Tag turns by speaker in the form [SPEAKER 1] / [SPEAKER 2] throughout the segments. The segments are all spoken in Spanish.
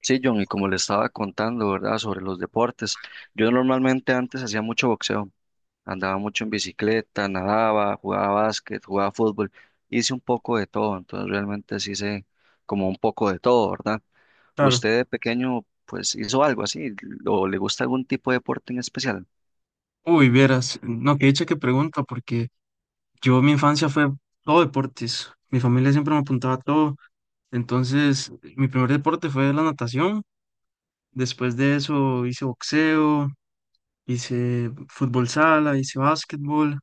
[SPEAKER 1] Sí, John, y como le estaba contando, ¿verdad? Sobre los deportes. Yo normalmente antes hacía mucho boxeo, andaba mucho en bicicleta, nadaba, jugaba básquet, jugaba fútbol, hice un poco de todo, entonces realmente sí sé como un poco de todo, ¿verdad?
[SPEAKER 2] Claro.
[SPEAKER 1] ¿Usted de pequeño pues hizo algo así o le gusta algún tipo de deporte en especial?
[SPEAKER 2] Uy, vieras, no, que dicha que pregunta, porque yo mi infancia fue todo deportes. Mi familia siempre me apuntaba a todo. Entonces, mi primer deporte fue la natación. Después de eso hice boxeo, hice fútbol sala, hice básquetbol,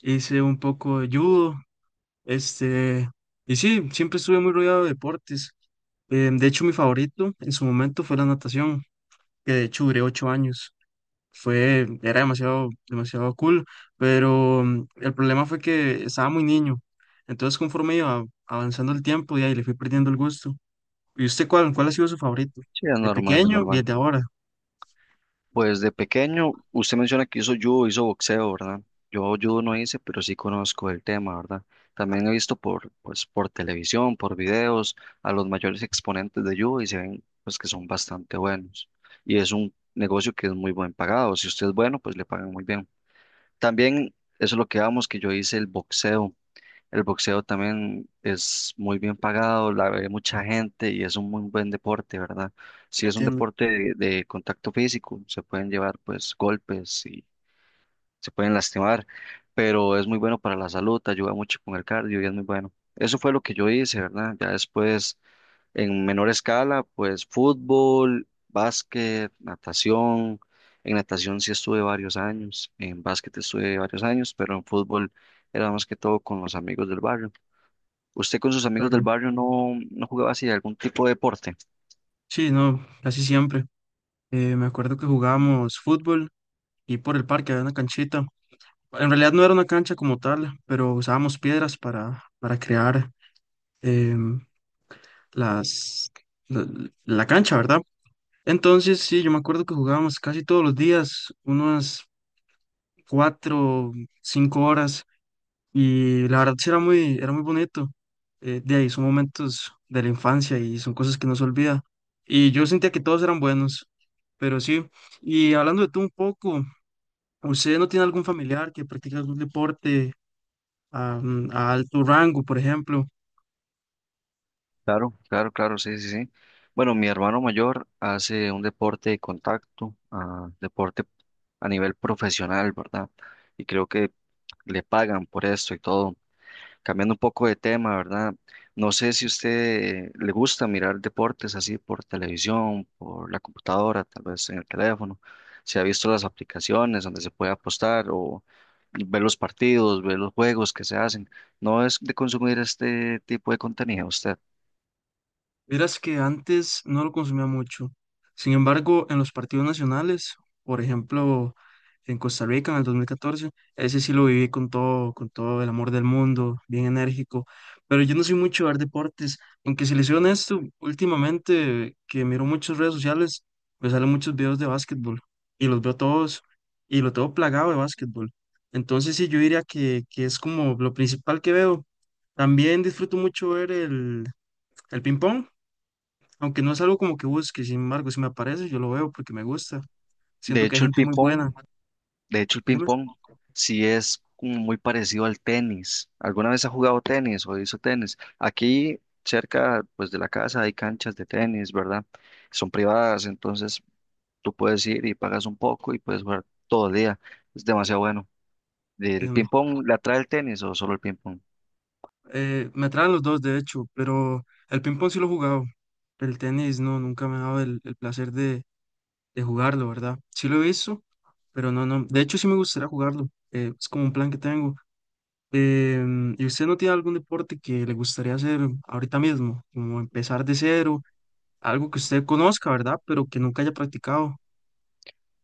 [SPEAKER 2] hice un poco de judo. Este, y sí, siempre estuve muy rodeado de deportes. De hecho, mi favorito en su momento fue la natación, que de hecho duré 8 años. Era demasiado, demasiado cool, pero el problema fue que estaba muy niño. Entonces, conforme iba avanzando el tiempo, y ahí le fui perdiendo el gusto. ¿Y usted cuál ha sido su favorito?
[SPEAKER 1] Sí, es
[SPEAKER 2] ¿De
[SPEAKER 1] normal, es
[SPEAKER 2] pequeño y
[SPEAKER 1] normal.
[SPEAKER 2] de ahora?
[SPEAKER 1] Pues de pequeño, usted menciona que hizo judo, hizo boxeo, ¿verdad? Yo judo no hice, pero sí conozco el tema, ¿verdad? También he visto por, pues, por televisión, por videos, a los mayores exponentes de judo y se ven, pues, que son bastante buenos. Y es un negocio que es muy buen pagado. Si usted es bueno, pues le pagan muy bien. También eso es lo que vamos, que yo hice el boxeo. El boxeo también es muy bien pagado, la ve mucha gente y es un muy buen deporte, ¿verdad? Si es un
[SPEAKER 2] Entiendo,
[SPEAKER 1] deporte de contacto físico, se pueden llevar pues golpes y se pueden lastimar, pero es muy bueno para la salud, ayuda mucho con el cardio y es muy bueno. Eso fue lo que yo hice, ¿verdad? Ya después, en menor escala, pues fútbol, básquet, natación. En natación sí estuve varios años, en básquet estuve varios años, pero en fútbol era más que todo con los amigos del barrio. ¿Usted con sus amigos del
[SPEAKER 2] claro.
[SPEAKER 1] barrio no jugaba así algún tipo de deporte?
[SPEAKER 2] Sí, no, casi siempre. Me acuerdo que jugábamos fútbol y por el parque había una canchita. En realidad no era una cancha como tal, pero usábamos piedras para crear em, las, la la cancha, ¿verdad? Entonces, sí, yo me acuerdo que jugábamos casi todos los días, unas cuatro, cinco horas, y la verdad sí era era muy bonito. De ahí son momentos de la infancia y son cosas que no se olvida. Y yo sentía que todos eran buenos, pero sí. Y hablando de tú un poco, ¿usted no tiene algún familiar que practique algún deporte a alto rango, por ejemplo?
[SPEAKER 1] Claro, claro, claro, sí, sí, sí. Bueno, mi hermano mayor hace un deporte de contacto, ah, deporte a nivel profesional, ¿verdad? Y creo que le pagan por esto y todo. Cambiando un poco de tema, ¿verdad? No sé si usted le gusta mirar deportes así por televisión, por la computadora, tal vez en el teléfono. Si ha visto las aplicaciones donde se puede apostar o ver los partidos, ver los juegos que se hacen. No es de consumir este tipo de contenido usted.
[SPEAKER 2] Verás que antes no lo consumía mucho. Sin embargo, en los partidos nacionales, por ejemplo, en Costa Rica en el 2014 ese sí lo viví con todo el amor del mundo, bien enérgico. Pero yo no soy mucho de ver deportes, aunque si les soy honesto, últimamente que miro muchas redes sociales, me salen muchos videos de básquetbol y los veo todos y lo tengo plagado de básquetbol. Entonces sí, yo diría que es como lo principal que veo. También disfruto mucho ver el ping-pong. Aunque no es algo como que busque, sin embargo, si me aparece, yo lo veo porque me gusta.
[SPEAKER 1] De
[SPEAKER 2] Siento que hay
[SPEAKER 1] hecho, el
[SPEAKER 2] gente
[SPEAKER 1] ping
[SPEAKER 2] muy buena.
[SPEAKER 1] De hecho, el
[SPEAKER 2] ¿Dime?
[SPEAKER 1] ping-pong sí es como muy parecido al tenis. ¿Alguna vez ha jugado tenis o hizo tenis? Aquí cerca, pues, de la casa hay canchas de tenis, ¿verdad? Son privadas, entonces tú puedes ir y pagas un poco y puedes jugar todo el día. Es demasiado bueno. ¿El
[SPEAKER 2] Entiendo.
[SPEAKER 1] ping-pong le atrae el tenis o solo el ping-pong?
[SPEAKER 2] Me atraen los dos, de hecho, pero el ping-pong sí lo he jugado. El tenis no, nunca me ha dado el placer de jugarlo, ¿verdad? Sí lo he visto, pero no, no. De hecho, sí me gustaría jugarlo. Es como un plan que tengo. ¿Y usted no tiene algún deporte que le gustaría hacer ahorita mismo? Como empezar de cero, algo que usted conozca, ¿verdad? Pero que nunca haya practicado.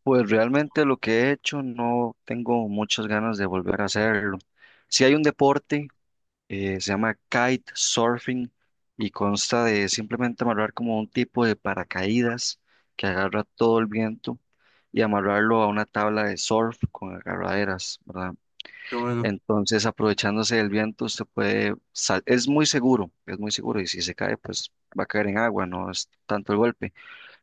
[SPEAKER 1] Pues realmente lo que he hecho no tengo muchas ganas de volver a hacerlo. Si hay un deporte se llama kite surfing y consta de simplemente amarrar como un tipo de paracaídas que agarra todo el viento y amarrarlo a una tabla de surf con agarraderas, ¿verdad?
[SPEAKER 2] Pero bueno,
[SPEAKER 1] Entonces, aprovechándose del viento, es muy seguro y si se cae, pues va a caer en agua, no es tanto el golpe,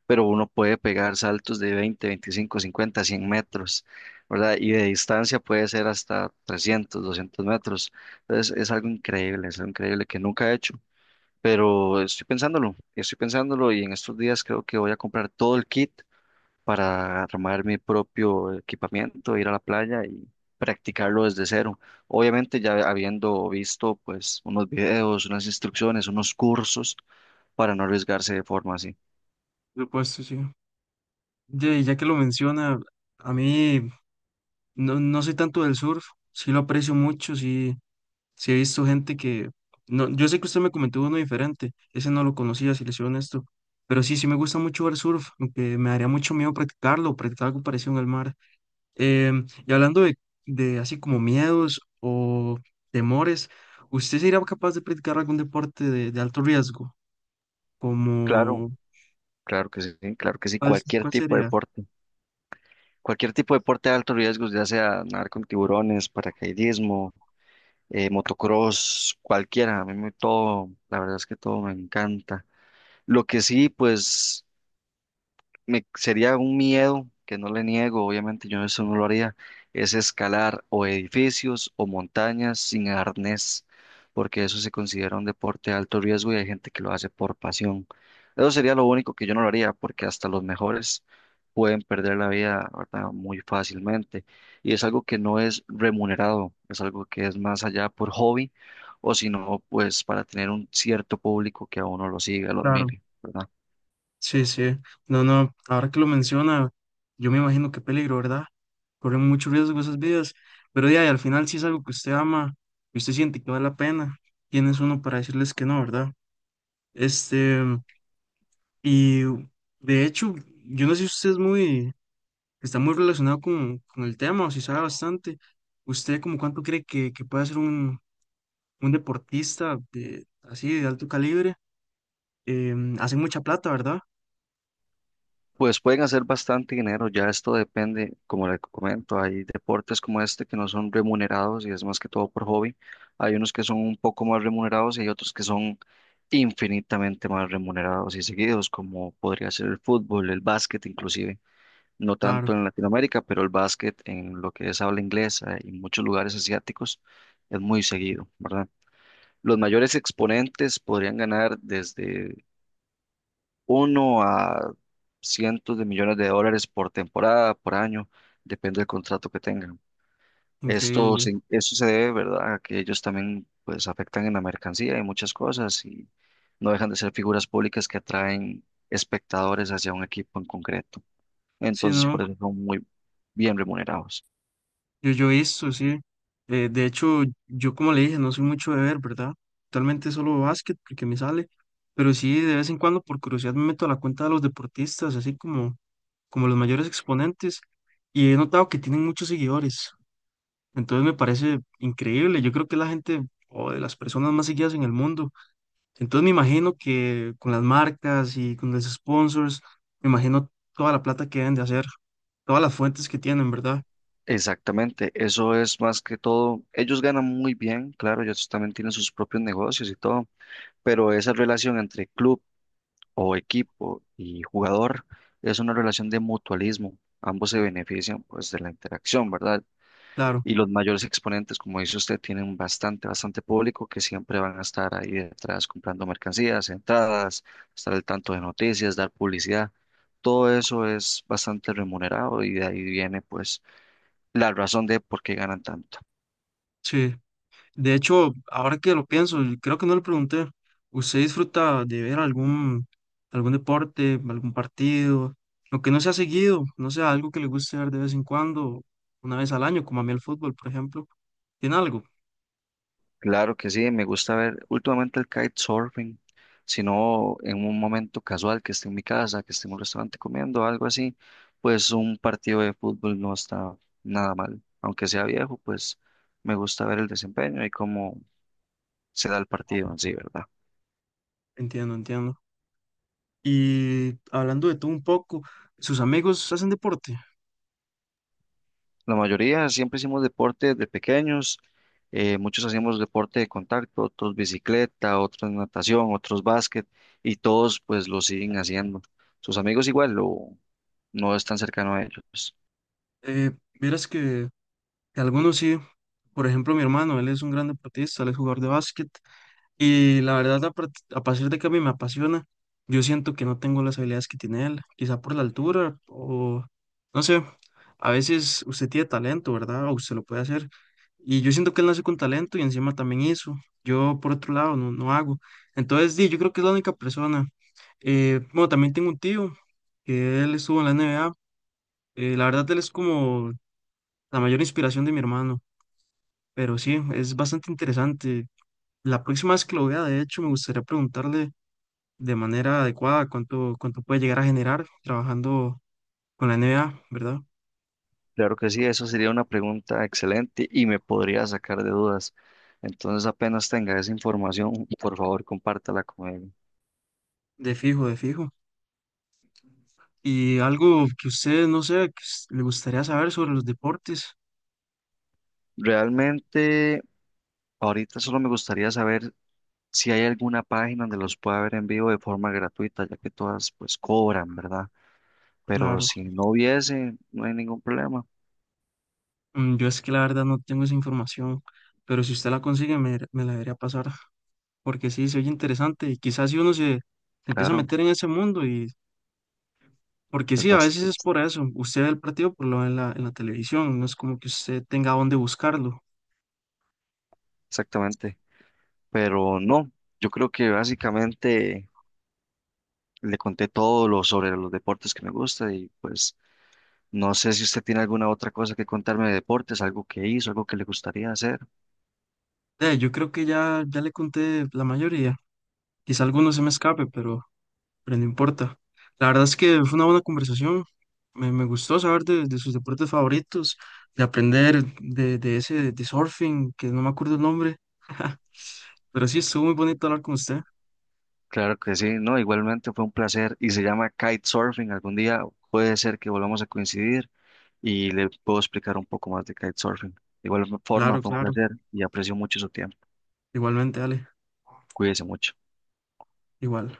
[SPEAKER 1] pero uno puede pegar saltos de 20, 25, 50, 100 metros, ¿verdad? Y de distancia puede ser hasta 300, 200 metros. Entonces es algo increíble que nunca he hecho, pero estoy pensándolo y en estos días creo que voy a comprar todo el kit para armar mi propio equipamiento, ir a la playa y practicarlo desde cero. Obviamente ya habiendo visto pues unos videos, unas instrucciones, unos cursos para no arriesgarse de forma así.
[SPEAKER 2] por supuesto, sí. Ya que lo menciona, a mí no soy tanto del surf, sí lo aprecio mucho, sí, sí he visto gente que... No, yo sé que usted me comentó uno diferente, ese no lo conocía, si le soy honesto, pero sí, sí me gusta mucho ver surf, aunque me daría mucho miedo practicarlo, practicar algo parecido al mar. Y hablando de así como miedos o temores, ¿usted sería capaz de practicar algún deporte de alto riesgo?
[SPEAKER 1] Claro,
[SPEAKER 2] Como,
[SPEAKER 1] claro que sí, claro que sí,
[SPEAKER 2] ¿cuál,
[SPEAKER 1] cualquier
[SPEAKER 2] cuál
[SPEAKER 1] tipo de
[SPEAKER 2] sería?
[SPEAKER 1] deporte, cualquier tipo de deporte de alto riesgo, ya sea nadar con tiburones, paracaidismo, motocross, cualquiera, a mí me, todo, la verdad es que todo me encanta. Lo que sí, pues me sería un miedo que no le niego, obviamente yo eso no lo haría, es escalar o edificios o montañas sin arnés, porque eso se considera un deporte de alto riesgo y hay gente que lo hace por pasión. Eso sería lo único que yo no lo haría, porque hasta los mejores pueden perder la vida, ¿verdad? Muy fácilmente. Y es algo que no es remunerado, es algo que es más allá por hobby o si no, pues para tener un cierto público que a uno lo siga, lo
[SPEAKER 2] Claro.
[SPEAKER 1] admire, ¿verdad?
[SPEAKER 2] Sí, sí. No, no, ahora que lo menciona, yo me imagino qué peligro, ¿verdad? Corren mucho riesgo esas vidas, pero ya, y al final si es algo que usted ama y usted siente que vale la pena, ¿quién es uno para decirles que no, verdad? Este, y de hecho, yo no sé si usted es está muy relacionado con el tema o si sabe bastante. ¿Usted como cuánto cree que puede ser un deportista de, así de alto calibre? ¿Hace mucha plata, ¿verdad?
[SPEAKER 1] Pues pueden hacer bastante dinero, ya esto depende, como le comento, hay deportes como este que no son remunerados y es más que todo por hobby. Hay unos que son un poco más remunerados y hay otros que son infinitamente más remunerados y seguidos, como podría ser el fútbol, el básquet inclusive, no tanto
[SPEAKER 2] Claro,
[SPEAKER 1] en Latinoamérica, pero el básquet en lo que es habla inglesa y muchos lugares asiáticos es muy seguido, ¿verdad? Los mayores exponentes podrían ganar desde uno a cientos de millones de dólares por temporada, por año, depende del contrato que tengan.
[SPEAKER 2] increíble.
[SPEAKER 1] Esto se debe, ¿verdad?, a que ellos también pues afectan en la mercancía y muchas cosas y no dejan de ser figuras públicas que atraen espectadores hacia un equipo en concreto.
[SPEAKER 2] Sí,
[SPEAKER 1] Entonces,
[SPEAKER 2] no.
[SPEAKER 1] por eso son muy bien remunerados.
[SPEAKER 2] Yo he visto, sí. De hecho, yo como le dije, no soy mucho de ver, ¿verdad? Actualmente solo básquet porque me sale, pero sí, de vez en cuando por curiosidad me meto a la cuenta de los deportistas, así como, como los mayores exponentes, y he notado que tienen muchos seguidores. Entonces me parece increíble. Yo creo que es la gente o de las personas más seguidas en el mundo. Entonces me imagino que con las marcas y con los sponsors, me imagino toda la plata que deben de hacer, todas las fuentes que tienen, ¿verdad?
[SPEAKER 1] Exactamente, eso es más que todo. Ellos ganan muy bien, claro, ellos también tienen sus propios negocios y todo, pero esa relación entre club o equipo y jugador es una relación de mutualismo. Ambos se benefician pues de la interacción, ¿verdad?
[SPEAKER 2] Claro,
[SPEAKER 1] Y los mayores exponentes, como dice usted, tienen bastante, bastante público que siempre van a estar ahí detrás comprando mercancías, entradas, estar al tanto de noticias, dar publicidad. Todo eso es bastante remunerado y de ahí viene pues la razón de por qué ganan tanto.
[SPEAKER 2] sí. De hecho, ahora que lo pienso, y creo que no le pregunté, ¿usted disfruta de ver algún deporte, algún partido? Lo que no se ha seguido, no sé, algo que le guste ver de vez en cuando, una vez al año, como a mí el fútbol, por ejemplo. ¿Tiene algo?
[SPEAKER 1] Claro que sí, me gusta ver últimamente el kitesurfing, sino en un momento casual que esté en mi casa, que esté en un restaurante comiendo, algo así, pues un partido de fútbol no está nada mal. Aunque sea viejo, pues me gusta ver el desempeño y cómo se da el partido en sí, ¿verdad?
[SPEAKER 2] Entiendo, entiendo. Y hablando de todo un poco, ¿sus amigos hacen deporte?
[SPEAKER 1] La mayoría siempre hicimos deporte de pequeños, muchos hacíamos deporte de contacto, otros bicicleta, otros natación, otros básquet, y todos pues lo siguen haciendo. ¿Sus amigos igual lo, no es tan cercano a ellos.
[SPEAKER 2] Eh, Vieras que algunos sí. Por ejemplo, mi hermano, él es un gran deportista, él es jugador de básquet. Y la verdad, a, part- a partir de que a mí me apasiona, yo siento que no tengo las habilidades que tiene él, quizá por la altura o no sé, a veces usted tiene talento, ¿verdad? O usted lo puede hacer. Y yo siento que él nace con talento y encima también hizo. Yo, por otro lado, no hago. Entonces, di, yo creo que es la única persona. Bueno, también tengo un tío que él estuvo en la NBA. La verdad, él es como la mayor inspiración de mi hermano. Pero sí, es bastante interesante. La próxima vez que lo vea, de hecho, me gustaría preguntarle de manera adecuada, cuánto puede llegar a generar trabajando con la NBA, ¿verdad?
[SPEAKER 1] Claro que sí, eso sería una pregunta excelente y me podría sacar de dudas. Entonces, apenas tenga esa información, por favor, compártala conmigo.
[SPEAKER 2] De fijo, de fijo. Y algo que usted, no sé, le gustaría saber sobre los deportes,
[SPEAKER 1] Realmente, ahorita solo me gustaría saber si hay alguna página donde los pueda ver en vivo de forma gratuita, ya que todas pues cobran, ¿verdad? Pero
[SPEAKER 2] claro.
[SPEAKER 1] si no hubiese, no hay ningún problema.
[SPEAKER 2] Yo es que la verdad no tengo esa información, pero si usted la consigue me la debería pasar, porque sí, se oye interesante y quizás si uno se empieza a
[SPEAKER 1] Claro,
[SPEAKER 2] meter en ese mundo y... Porque
[SPEAKER 1] es
[SPEAKER 2] sí, a
[SPEAKER 1] bas-
[SPEAKER 2] veces es por eso. Usted ve el partido por lo ve en en la televisión, no es como que usted tenga dónde buscarlo.
[SPEAKER 1] exactamente. Pero no, yo creo que básicamente le conté todo lo sobre los deportes que me gusta y pues no sé si usted tiene alguna otra cosa que contarme de deportes, algo que hizo, algo que le gustaría hacer.
[SPEAKER 2] Yo creo que ya le conté la mayoría. Quizá alguno se me escape, pero no importa. La verdad es que fue una buena conversación. Me gustó saber de sus deportes favoritos, de aprender de ese de surfing, que no me acuerdo el nombre. Pero sí, estuvo muy bonito hablar con usted.
[SPEAKER 1] Claro que sí, no, igualmente fue un placer y se llama kitesurfing. Algún día puede ser que volvamos a coincidir y le puedo explicar un poco más de kitesurfing. De igual forma,
[SPEAKER 2] Claro,
[SPEAKER 1] fue un
[SPEAKER 2] claro.
[SPEAKER 1] placer y aprecio mucho su tiempo.
[SPEAKER 2] Igualmente, Ale.
[SPEAKER 1] Cuídese mucho.
[SPEAKER 2] Igual.